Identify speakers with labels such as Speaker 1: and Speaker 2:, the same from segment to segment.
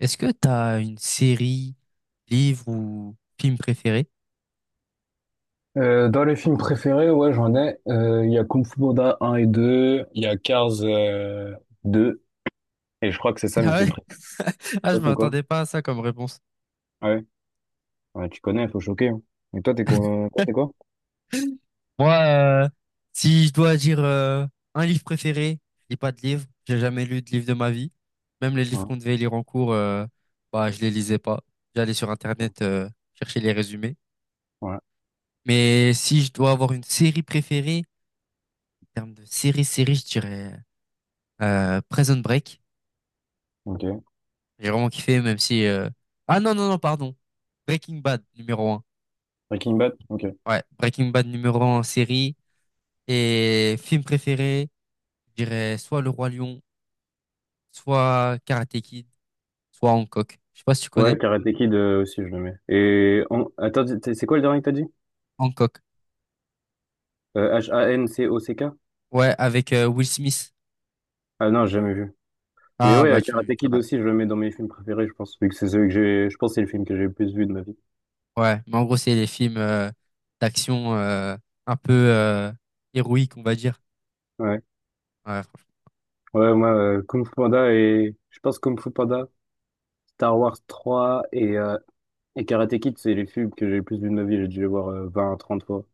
Speaker 1: Est-ce que t'as une série, livre ou film préféré?
Speaker 2: Dans les films préférés, ouais, j'en ai. Il y a Kung Fu Panda 1 et 2, il y a Cars 2, et je crois que c'est ça mes
Speaker 1: Ah
Speaker 2: films
Speaker 1: ouais?
Speaker 2: préférés.
Speaker 1: Ah, je
Speaker 2: Toi, c'est quoi?
Speaker 1: m'attendais pas à ça comme réponse.
Speaker 2: Ah ouais? Ouais, tu connais, faut choquer, hein. Et toi, t'es quoi? Toi, t'es quoi?
Speaker 1: Moi, euh, si je dois dire un livre préféré, je lis pas de livre. J'ai jamais lu de livre de ma vie. Même les livres
Speaker 2: Ah,
Speaker 1: qu'on devait lire en cours, bah, je les lisais pas. J'allais sur
Speaker 2: ok.
Speaker 1: Internet chercher les résumés.
Speaker 2: Ouais,
Speaker 1: Mais si je dois avoir une série préférée, en termes de série, série, je dirais Prison Break.
Speaker 2: ok.
Speaker 1: J'ai vraiment kiffé, même si. Ah non, non, non, pardon. Breaking Bad, numéro un.
Speaker 2: Breaking Bad? Ok.
Speaker 1: Ouais, Breaking Bad, numéro un en série. Et film préféré, je dirais soit Le Roi Lion, soit Karate Kid, soit Hancock. Je sais pas si tu
Speaker 2: Ouais,
Speaker 1: connais.
Speaker 2: Karate Kid aussi, je le mets. Et on attends, c'est quoi le dernier que t'as dit?
Speaker 1: Hancock.
Speaker 2: H-A-N-C-O-C-K?
Speaker 1: Ouais, avec Will Smith.
Speaker 2: Ah non, j'ai jamais vu. Mais
Speaker 1: Ah
Speaker 2: ouais,
Speaker 1: bah tu,
Speaker 2: Karate
Speaker 1: tu
Speaker 2: Kid
Speaker 1: rates.
Speaker 2: aussi, je le mets dans mes films préférés, je pense, vu que c'est celui que j'ai, je pense, que c'est le film que j'ai le plus vu de ma vie.
Speaker 1: Ouais, mais en gros, c'est les films d'action un peu héroïques, on va dire.
Speaker 2: Ouais.
Speaker 1: Ouais, franchement.
Speaker 2: Ouais, moi, Kung Fu Panda et Je pense Kung Fu Panda, Star Wars 3 et Karate Kid, c'est les films que j'ai le plus vu de ma vie. J'ai dû les voir 20 à fois.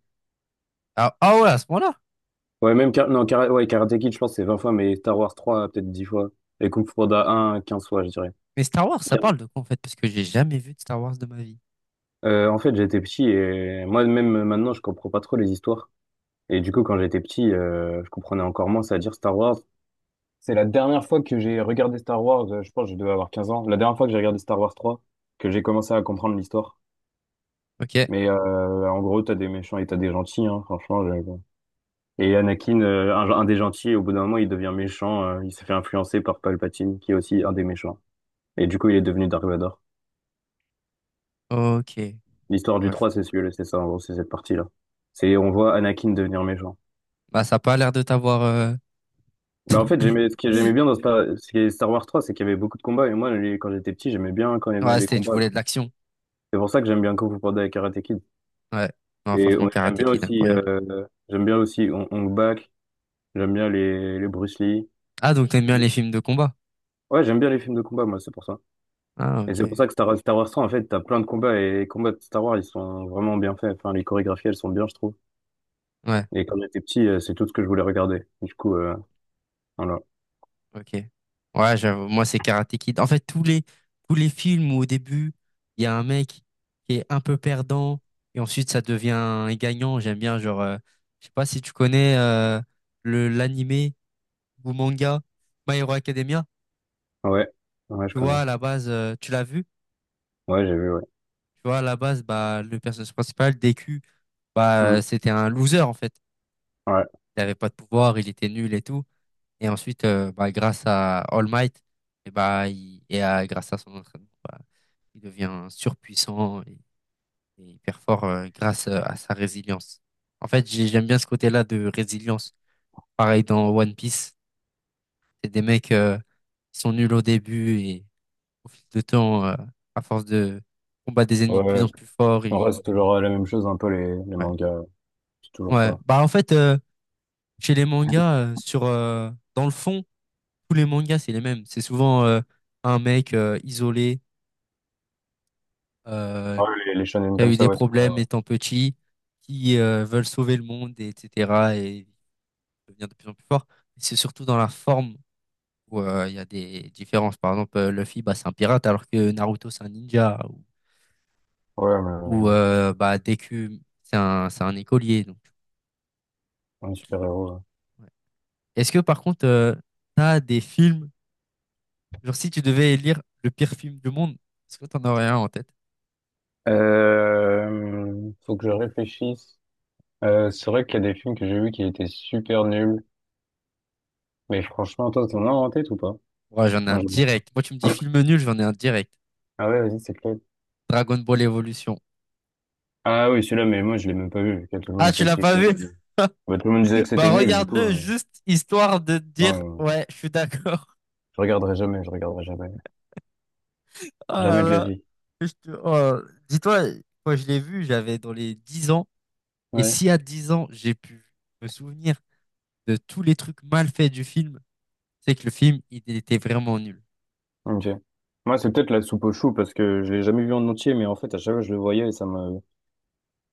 Speaker 1: Ah, ah ouais, à ce moment-là.
Speaker 2: Ouais, même Kara- Non, Kara- ouais, Karate Kid, je pense, c'est 20 fois, mais Star Wars 3, peut-être 10 fois. Et Kung Fu Panda un 15 fois, je dirais.
Speaker 1: Mais Star Wars, ça
Speaker 2: Car-
Speaker 1: parle de quoi en fait? Parce que j'ai jamais vu de Star Wars de ma vie.
Speaker 2: En fait, j'étais petit et moi-même, maintenant, je comprends pas trop les histoires. Et du coup, quand j'étais petit, je comprenais encore moins, c'est-à-dire Star Wars. C'est la dernière fois que j'ai regardé Star Wars, je pense que je devais avoir 15 ans. La dernière fois que j'ai regardé Star Wars 3, que j'ai commencé à comprendre l'histoire.
Speaker 1: Ok.
Speaker 2: Mais en gros, t'as des méchants et t'as des gentils, hein, franchement. Et Anakin, un des gentils, au bout d'un moment, il devient méchant. Il s'est fait influencer par Palpatine, qui est aussi un des méchants. Et du coup, il est devenu Dark Vador.
Speaker 1: Ok. Je
Speaker 2: L'histoire du
Speaker 1: vois, je
Speaker 2: 3
Speaker 1: vois.
Speaker 2: c'est celui-là, c'est ça, en gros, c'est cette partie-là. C'est, on voit Anakin devenir méchant.
Speaker 1: Bah, ça n'a pas l'air de t'avoir.
Speaker 2: Bah, en fait, j'aimais, ce que j'aimais bien dans Star, ce qui est Star Wars trois c'est qu'il y avait beaucoup de combats. Et moi, quand j'étais petit, j'aimais bien quand il y avait
Speaker 1: Ouais,
Speaker 2: les
Speaker 1: c'était, tu
Speaker 2: combats, là.
Speaker 1: voulais de l'action.
Speaker 2: C'est pour ça que j'aime bien Kung Fu Panda et Karate Kid.
Speaker 1: Ouais. Non, franchement,
Speaker 2: J'aime
Speaker 1: Karate
Speaker 2: bien
Speaker 1: Kid,
Speaker 2: aussi,
Speaker 1: incroyable.
Speaker 2: j'aime bien aussi Hong Hong Bak, j'aime bien les Bruce Lee.
Speaker 1: Ah, donc t'aimes bien les films de combat.
Speaker 2: Ouais, j'aime bien les films de combat, moi, c'est pour ça.
Speaker 1: Ah,
Speaker 2: Et
Speaker 1: ok.
Speaker 2: c'est pour ça que Star Wars 100, en fait, t'as plein de combats et les combats de Star Wars, ils sont vraiment bien faits. Enfin, les chorégraphies, elles sont bien, je trouve.
Speaker 1: Ouais,
Speaker 2: Et quand j'étais petit, c'est tout ce que je voulais regarder. Du coup, voilà.
Speaker 1: ok. Ouais, j'avoue, moi, c'est Karate Kid. En fait, tous les films où au début, il y a un mec qui est un peu perdant et ensuite ça devient un gagnant. J'aime bien, genre, je sais pas si tu connais l'animé ou manga My Hero Academia.
Speaker 2: Ouais, ouais, je
Speaker 1: Tu
Speaker 2: connais.
Speaker 1: vois, à la base, tu l'as vu?
Speaker 2: Ouais, j'ai vu, ouais.
Speaker 1: Tu vois, à la base, bah, le personnage principal, DQ, bah,
Speaker 2: Hmm.
Speaker 1: c'était un loser, en fait.
Speaker 2: Ouais,
Speaker 1: Il n'avait pas de pouvoir, il était nul et tout. Et ensuite, bah, grâce à All Might, et bah, et à, grâce à son entraînement, bah, il devient surpuissant et, hyper fort grâce à sa résilience. En fait, j'aime bien ce côté-là de résilience. Pareil dans One Piece, c'est des mecs qui sont nuls au début et au fil de temps, à force de combattre des ennemis
Speaker 2: ouais,
Speaker 1: de plus en
Speaker 2: ouais.
Speaker 1: plus forts,
Speaker 2: En vrai,
Speaker 1: ils.
Speaker 2: c'est toujours la même chose, un peu les
Speaker 1: Ouais.
Speaker 2: mangas. C'est toujours
Speaker 1: Ouais,
Speaker 2: ça.
Speaker 1: bah en fait, chez les mangas, sur, dans le fond, tous les mangas, c'est les mêmes. C'est souvent un mec isolé
Speaker 2: Ouais, les shonen
Speaker 1: qui a
Speaker 2: comme
Speaker 1: eu
Speaker 2: ça,
Speaker 1: des
Speaker 2: ouais, c'est la même.
Speaker 1: problèmes
Speaker 2: Ouais,
Speaker 1: étant petit, qui veulent sauver le monde, et etc. Et devenir de plus en plus fort. C'est surtout dans la forme où il y a des différences. Par exemple, Luffy, bah, c'est un pirate, alors que Naruto, c'est un ninja, ou,
Speaker 2: ouais, mais bon,
Speaker 1: bah, Deku, c'est un écolier. Donc,
Speaker 2: un super-héros, ouais.
Speaker 1: ouais. Est-ce que par contre, t'as des films. Genre, si tu devais élire le pire film du monde, est-ce que t'en aurais un en tête?
Speaker 2: Faut que je réfléchisse. C'est vrai qu'il y a des films que j'ai vus qui étaient super nuls. Mais franchement, toi, t'en as en tête ou pas?
Speaker 1: Ouais, j'en ai un
Speaker 2: Moi, je vois pas.
Speaker 1: direct. Moi, tu me dis film nul, j'en ai un direct.
Speaker 2: Ah ouais, vas-y, c'est clair.
Speaker 1: Dragon Ball Evolution.
Speaker 2: Ah oui, celui-là, mais moi, je l'ai même pas vu. Tout le monde
Speaker 1: Ah, tu
Speaker 2: disait
Speaker 1: l'as
Speaker 2: qu'il
Speaker 1: pas
Speaker 2: était
Speaker 1: vu?
Speaker 2: nul. Bah, tout le monde disait que c'était
Speaker 1: Bah,
Speaker 2: nul, du coup.
Speaker 1: regarde-le, juste histoire de te
Speaker 2: Non,
Speaker 1: dire, ouais, je suis d'accord.
Speaker 2: je regarderai jamais, je regarderai jamais.
Speaker 1: Oh là
Speaker 2: Jamais de la
Speaker 1: là,
Speaker 2: vie.
Speaker 1: oh. Dis-toi, quand je l'ai vu, j'avais dans les 10 ans. Et
Speaker 2: Ouais,
Speaker 1: si à 10 ans, j'ai pu me souvenir de tous les trucs mal faits du film, c'est que le film, il était vraiment nul.
Speaker 2: ok. Moi, c'est peut-être la soupe aux choux, parce que je l'ai jamais vu en entier, mais en fait, à chaque fois, je le voyais et ça me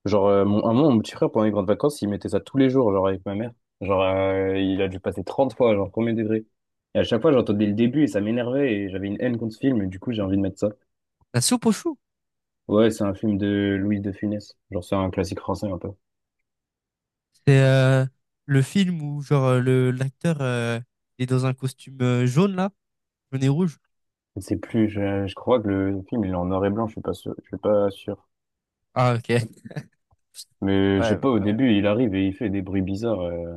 Speaker 2: Genre, à un moment, mon petit frère, pendant les grandes vacances, il mettait ça tous les jours, genre, avec ma mère. Genre, il a dû passer 30 fois, genre, premier degré. Et à chaque fois, j'entendais le début et ça m'énervait et j'avais une haine contre ce film, et du coup, j'ai envie de mettre ça.
Speaker 1: La soupe aux choux?
Speaker 2: Ouais, c'est un film de Louis de Funès. Genre, c'est un classique français un peu.
Speaker 1: C'est le film où genre le l'acteur il est dans un costume jaune là, jaune et rouge.
Speaker 2: Je sais plus, je crois que le film il est en noir et blanc, je suis pas sûr, je suis pas sûr.
Speaker 1: Ah ok.
Speaker 2: Mais je sais
Speaker 1: Ouais,
Speaker 2: pas, au ouais, début, il arrive et il fait des bruits bizarres.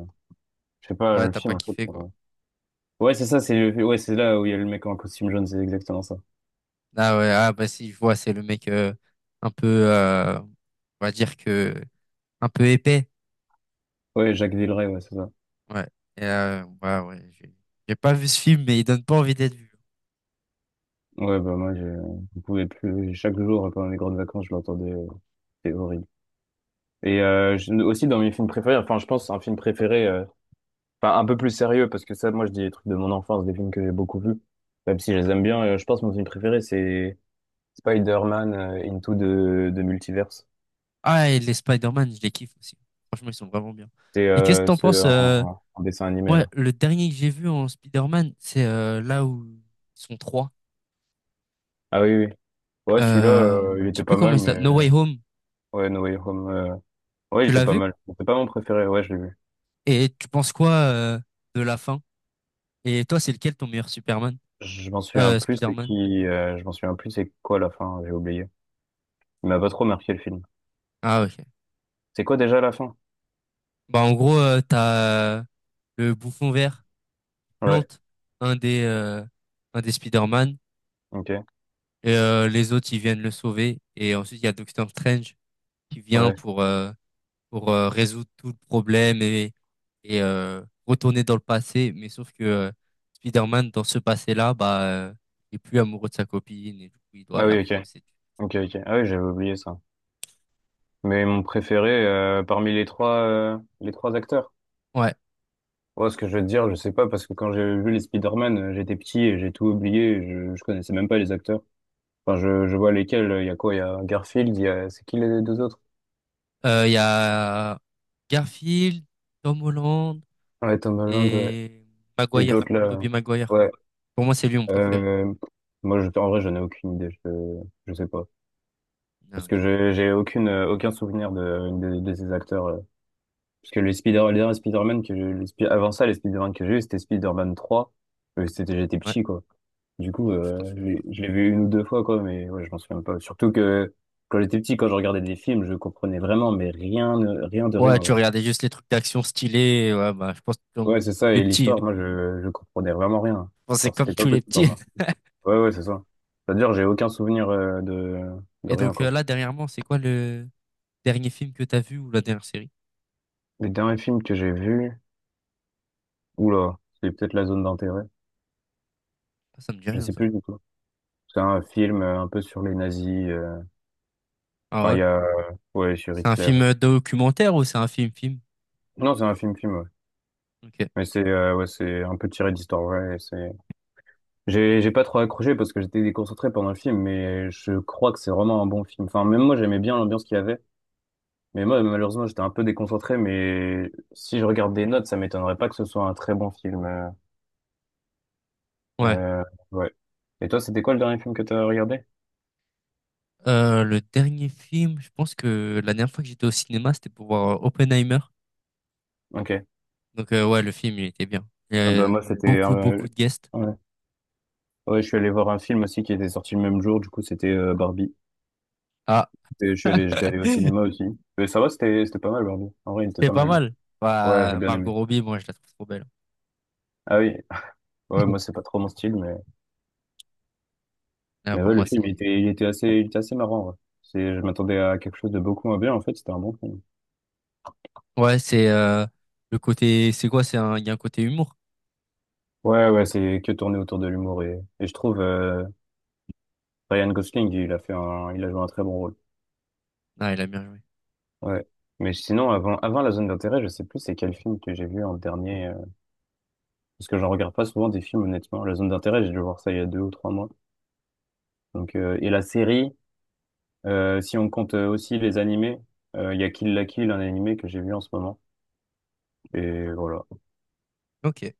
Speaker 2: Je sais pas,
Speaker 1: ouais,
Speaker 2: le
Speaker 1: t'as
Speaker 2: film,
Speaker 1: pas
Speaker 2: un peu.
Speaker 1: kiffé quoi.
Speaker 2: Ouais, c'est ça, ouais, c'est là où il y a le mec en costume jaune, c'est exactement ça.
Speaker 1: Ah ouais, ah bah si, je vois, c'est le mec un peu on va dire que un peu épais.
Speaker 2: Ouais, Jacques Villeray, ouais, c'est ça.
Speaker 1: Ouais. Et, ouais, ouais, j'ai pas vu ce film mais il donne pas envie d'être vu.
Speaker 2: Ouais, bah moi, je pouvais plus. Chaque jour, pendant les grandes vacances, je l'entendais. C'est horrible. Et aussi dans mes films préférés, enfin, je pense un film préféré. Enfin, un peu plus sérieux, parce que ça, moi, je dis des trucs de mon enfance, des films que j'ai beaucoup vus. Même si je les aime bien, je pense que mon film préféré, c'est Spider-Man Into the, the Multiverse.
Speaker 1: Ah et les Spider-Man, je les kiffe aussi. Franchement, ils sont vraiment bien.
Speaker 2: C'est
Speaker 1: Et qu'est-ce que t'en
Speaker 2: ce
Speaker 1: penses
Speaker 2: en, en dessin animé,
Speaker 1: moi
Speaker 2: là.
Speaker 1: le dernier que j'ai vu en Spider-Man, c'est là où ils sont trois.
Speaker 2: Ah oui, oui. Ouais, celui-là,
Speaker 1: Euh,
Speaker 2: il
Speaker 1: je sais
Speaker 2: était
Speaker 1: plus
Speaker 2: pas
Speaker 1: comment
Speaker 2: mal,
Speaker 1: il
Speaker 2: mais
Speaker 1: s'appelle. No Way Home,
Speaker 2: ouais, No Way Home ouais, il
Speaker 1: tu
Speaker 2: était
Speaker 1: l'as
Speaker 2: pas
Speaker 1: vu?
Speaker 2: mal. C'est pas mon préféré, ouais, je l'ai vu.
Speaker 1: Et tu penses quoi de la fin? Et toi, c'est lequel ton meilleur Superman?
Speaker 2: Je m'en souviens plus, c'est
Speaker 1: Spider-Man?
Speaker 2: qui je m'en souviens plus, c'est quoi la fin, j'ai oublié. Il m'a pas trop marqué, le film.
Speaker 1: Ah, ok.
Speaker 2: C'est quoi déjà la fin?
Speaker 1: Bah, en gros, t'as le bouffon vert
Speaker 2: Ouais,
Speaker 1: plante un des, euh, un des Spider-Man
Speaker 2: ok.
Speaker 1: et les autres, ils viennent le sauver. Et ensuite, il y a Doctor Strange qui vient
Speaker 2: Ouais.
Speaker 1: pour résoudre tout le problème retourner dans le passé. Mais sauf que Spider-Man, dans ce passé-là, bah, il est plus amoureux de sa copine et du coup, il doit
Speaker 2: Ah
Speaker 1: la
Speaker 2: oui, ok.
Speaker 1: reséduire.
Speaker 2: Ok, ok. Ah oui, j'avais oublié ça. Mais mon préféré parmi les trois acteurs.
Speaker 1: Ouais.
Speaker 2: Ouais, ce que je veux te dire, je sais pas, parce que quand j'ai vu les Spider-Man, j'étais petit et j'ai tout oublié, et je connaissais même pas les acteurs. Enfin, je vois lesquels, il y a quoi? Il y a Garfield, il y a C'est qui les deux autres?
Speaker 1: Il y a Garfield, Tom Holland
Speaker 2: Ouais, Tom Holland, ouais.
Speaker 1: et
Speaker 2: Et
Speaker 1: Maguire,
Speaker 2: l'autre là,
Speaker 1: Tobey Maguire.
Speaker 2: ouais.
Speaker 1: Pour moi, c'est lui mon préféré.
Speaker 2: Euh, moi, je, en vrai, j'en ai aucune idée, je sais pas.
Speaker 1: Ah,
Speaker 2: Parce que
Speaker 1: ok.
Speaker 2: j'ai aucune, aucun souvenir de ces acteurs. Parce que les derniers Spider-Man que j'ai, avant ça, les Spider-Man que j'ai eu, c'était Spider-Man 3. C'était, j'étais
Speaker 1: Ouais.
Speaker 2: petit, quoi. Du coup,
Speaker 1: Ouais, tu t'en souviens pas trop.
Speaker 2: je l'ai vu une ou deux fois, quoi, mais ouais, je m'en souviens pas. Surtout que quand j'étais petit, quand je regardais des films, je comprenais vraiment, mais rien, rien de
Speaker 1: Ouais,
Speaker 2: rien,
Speaker 1: tu
Speaker 2: genre.
Speaker 1: regardais juste les trucs d'action stylés. Ouais, bah, je pense
Speaker 2: Ouais,
Speaker 1: comme
Speaker 2: c'est ça,
Speaker 1: les
Speaker 2: et
Speaker 1: petits,
Speaker 2: l'histoire,
Speaker 1: hein.
Speaker 2: moi, je comprenais vraiment rien.
Speaker 1: Je pense que c'est
Speaker 2: Genre,
Speaker 1: comme
Speaker 2: c'était pas
Speaker 1: tous les
Speaker 2: possible pour
Speaker 1: petits.
Speaker 2: moi. Ouais, ouais, c'est ça. C'est-à-dire, j'ai aucun souvenir de
Speaker 1: Et
Speaker 2: rien,
Speaker 1: donc,
Speaker 2: quoi.
Speaker 1: là, dernièrement, c'est quoi dernier film que t'as vu ou la dernière série?
Speaker 2: Les derniers films que j'ai vus, oula, c'est peut-être La Zone d'intérêt.
Speaker 1: Ah, ça me dit
Speaker 2: Je
Speaker 1: rien,
Speaker 2: sais
Speaker 1: ça.
Speaker 2: plus du tout. C'est un film un peu sur les nazis.
Speaker 1: Ah
Speaker 2: Enfin, il
Speaker 1: ouais?
Speaker 2: y a, ouais, sur
Speaker 1: C'est un
Speaker 2: Hitler.
Speaker 1: film documentaire ou c'est un film-film?
Speaker 2: Non, c'est un film-film, ouais.
Speaker 1: Ok.
Speaker 2: Mais c'est, ouais, c'est un peu tiré d'histoire, ouais. C'est, j'ai pas trop accroché parce que j'étais déconcentré pendant le film, mais je crois que c'est vraiment un bon film. Enfin, même moi, j'aimais bien l'ambiance qu'il y avait. Mais moi, malheureusement, j'étais un peu déconcentré, mais si je regarde des notes, ça m'étonnerait pas que ce soit un très bon film.
Speaker 1: Ouais.
Speaker 2: Euh, ouais. Et toi, c'était quoi le dernier film que t'as regardé?
Speaker 1: Le dernier film, je pense que la dernière fois que j'étais au cinéma, c'était pour voir Oppenheimer.
Speaker 2: Ok.
Speaker 1: Donc ouais, le film, il était bien. Il y
Speaker 2: Ah bah,
Speaker 1: a
Speaker 2: moi,
Speaker 1: beaucoup, beaucoup de guests.
Speaker 2: ouais. Ouais, je suis allé voir un film aussi qui était sorti le même jour, du coup, c'était Barbie.
Speaker 1: Ah.
Speaker 2: Et j'étais allé au cinéma aussi. Mais ça va, c'était pas mal, Barbie. En vrai, il était
Speaker 1: C'était
Speaker 2: pas
Speaker 1: pas
Speaker 2: mal, le film.
Speaker 1: mal.
Speaker 2: Ouais, j'ai
Speaker 1: Bah,
Speaker 2: bien
Speaker 1: Margot
Speaker 2: aimé.
Speaker 1: Robbie, moi, je la trouve trop belle.
Speaker 2: Ah oui. Ouais, moi, c'est pas trop mon style,
Speaker 1: Là,
Speaker 2: mais
Speaker 1: pour
Speaker 2: ouais, le
Speaker 1: moi,
Speaker 2: film,
Speaker 1: c'est.
Speaker 2: il était assez marrant, ouais. C'est, je m'attendais à quelque chose de beaucoup moins bien, en fait, c'était un bon film.
Speaker 1: Ouais, c'est le côté. C'est quoi? C'est un. Il y a un côté humour.
Speaker 2: Ouais, ouais, c'est que tourné autour de l'humour et je trouve, Ryan Gosling, il a joué un très bon rôle.
Speaker 1: Ah, il a bien joué.
Speaker 2: Ouais. Mais sinon, avant La Zone d'intérêt, je sais plus c'est quel film que j'ai vu en dernier, parce que j'en regarde pas souvent des films, honnêtement. La Zone d'intérêt, j'ai dû voir ça il y a 2 ou 3 mois. Donc, et la série, si on compte aussi les animés, il y a Kill la Kill, un animé que j'ai vu en ce moment. Et voilà.
Speaker 1: Ok.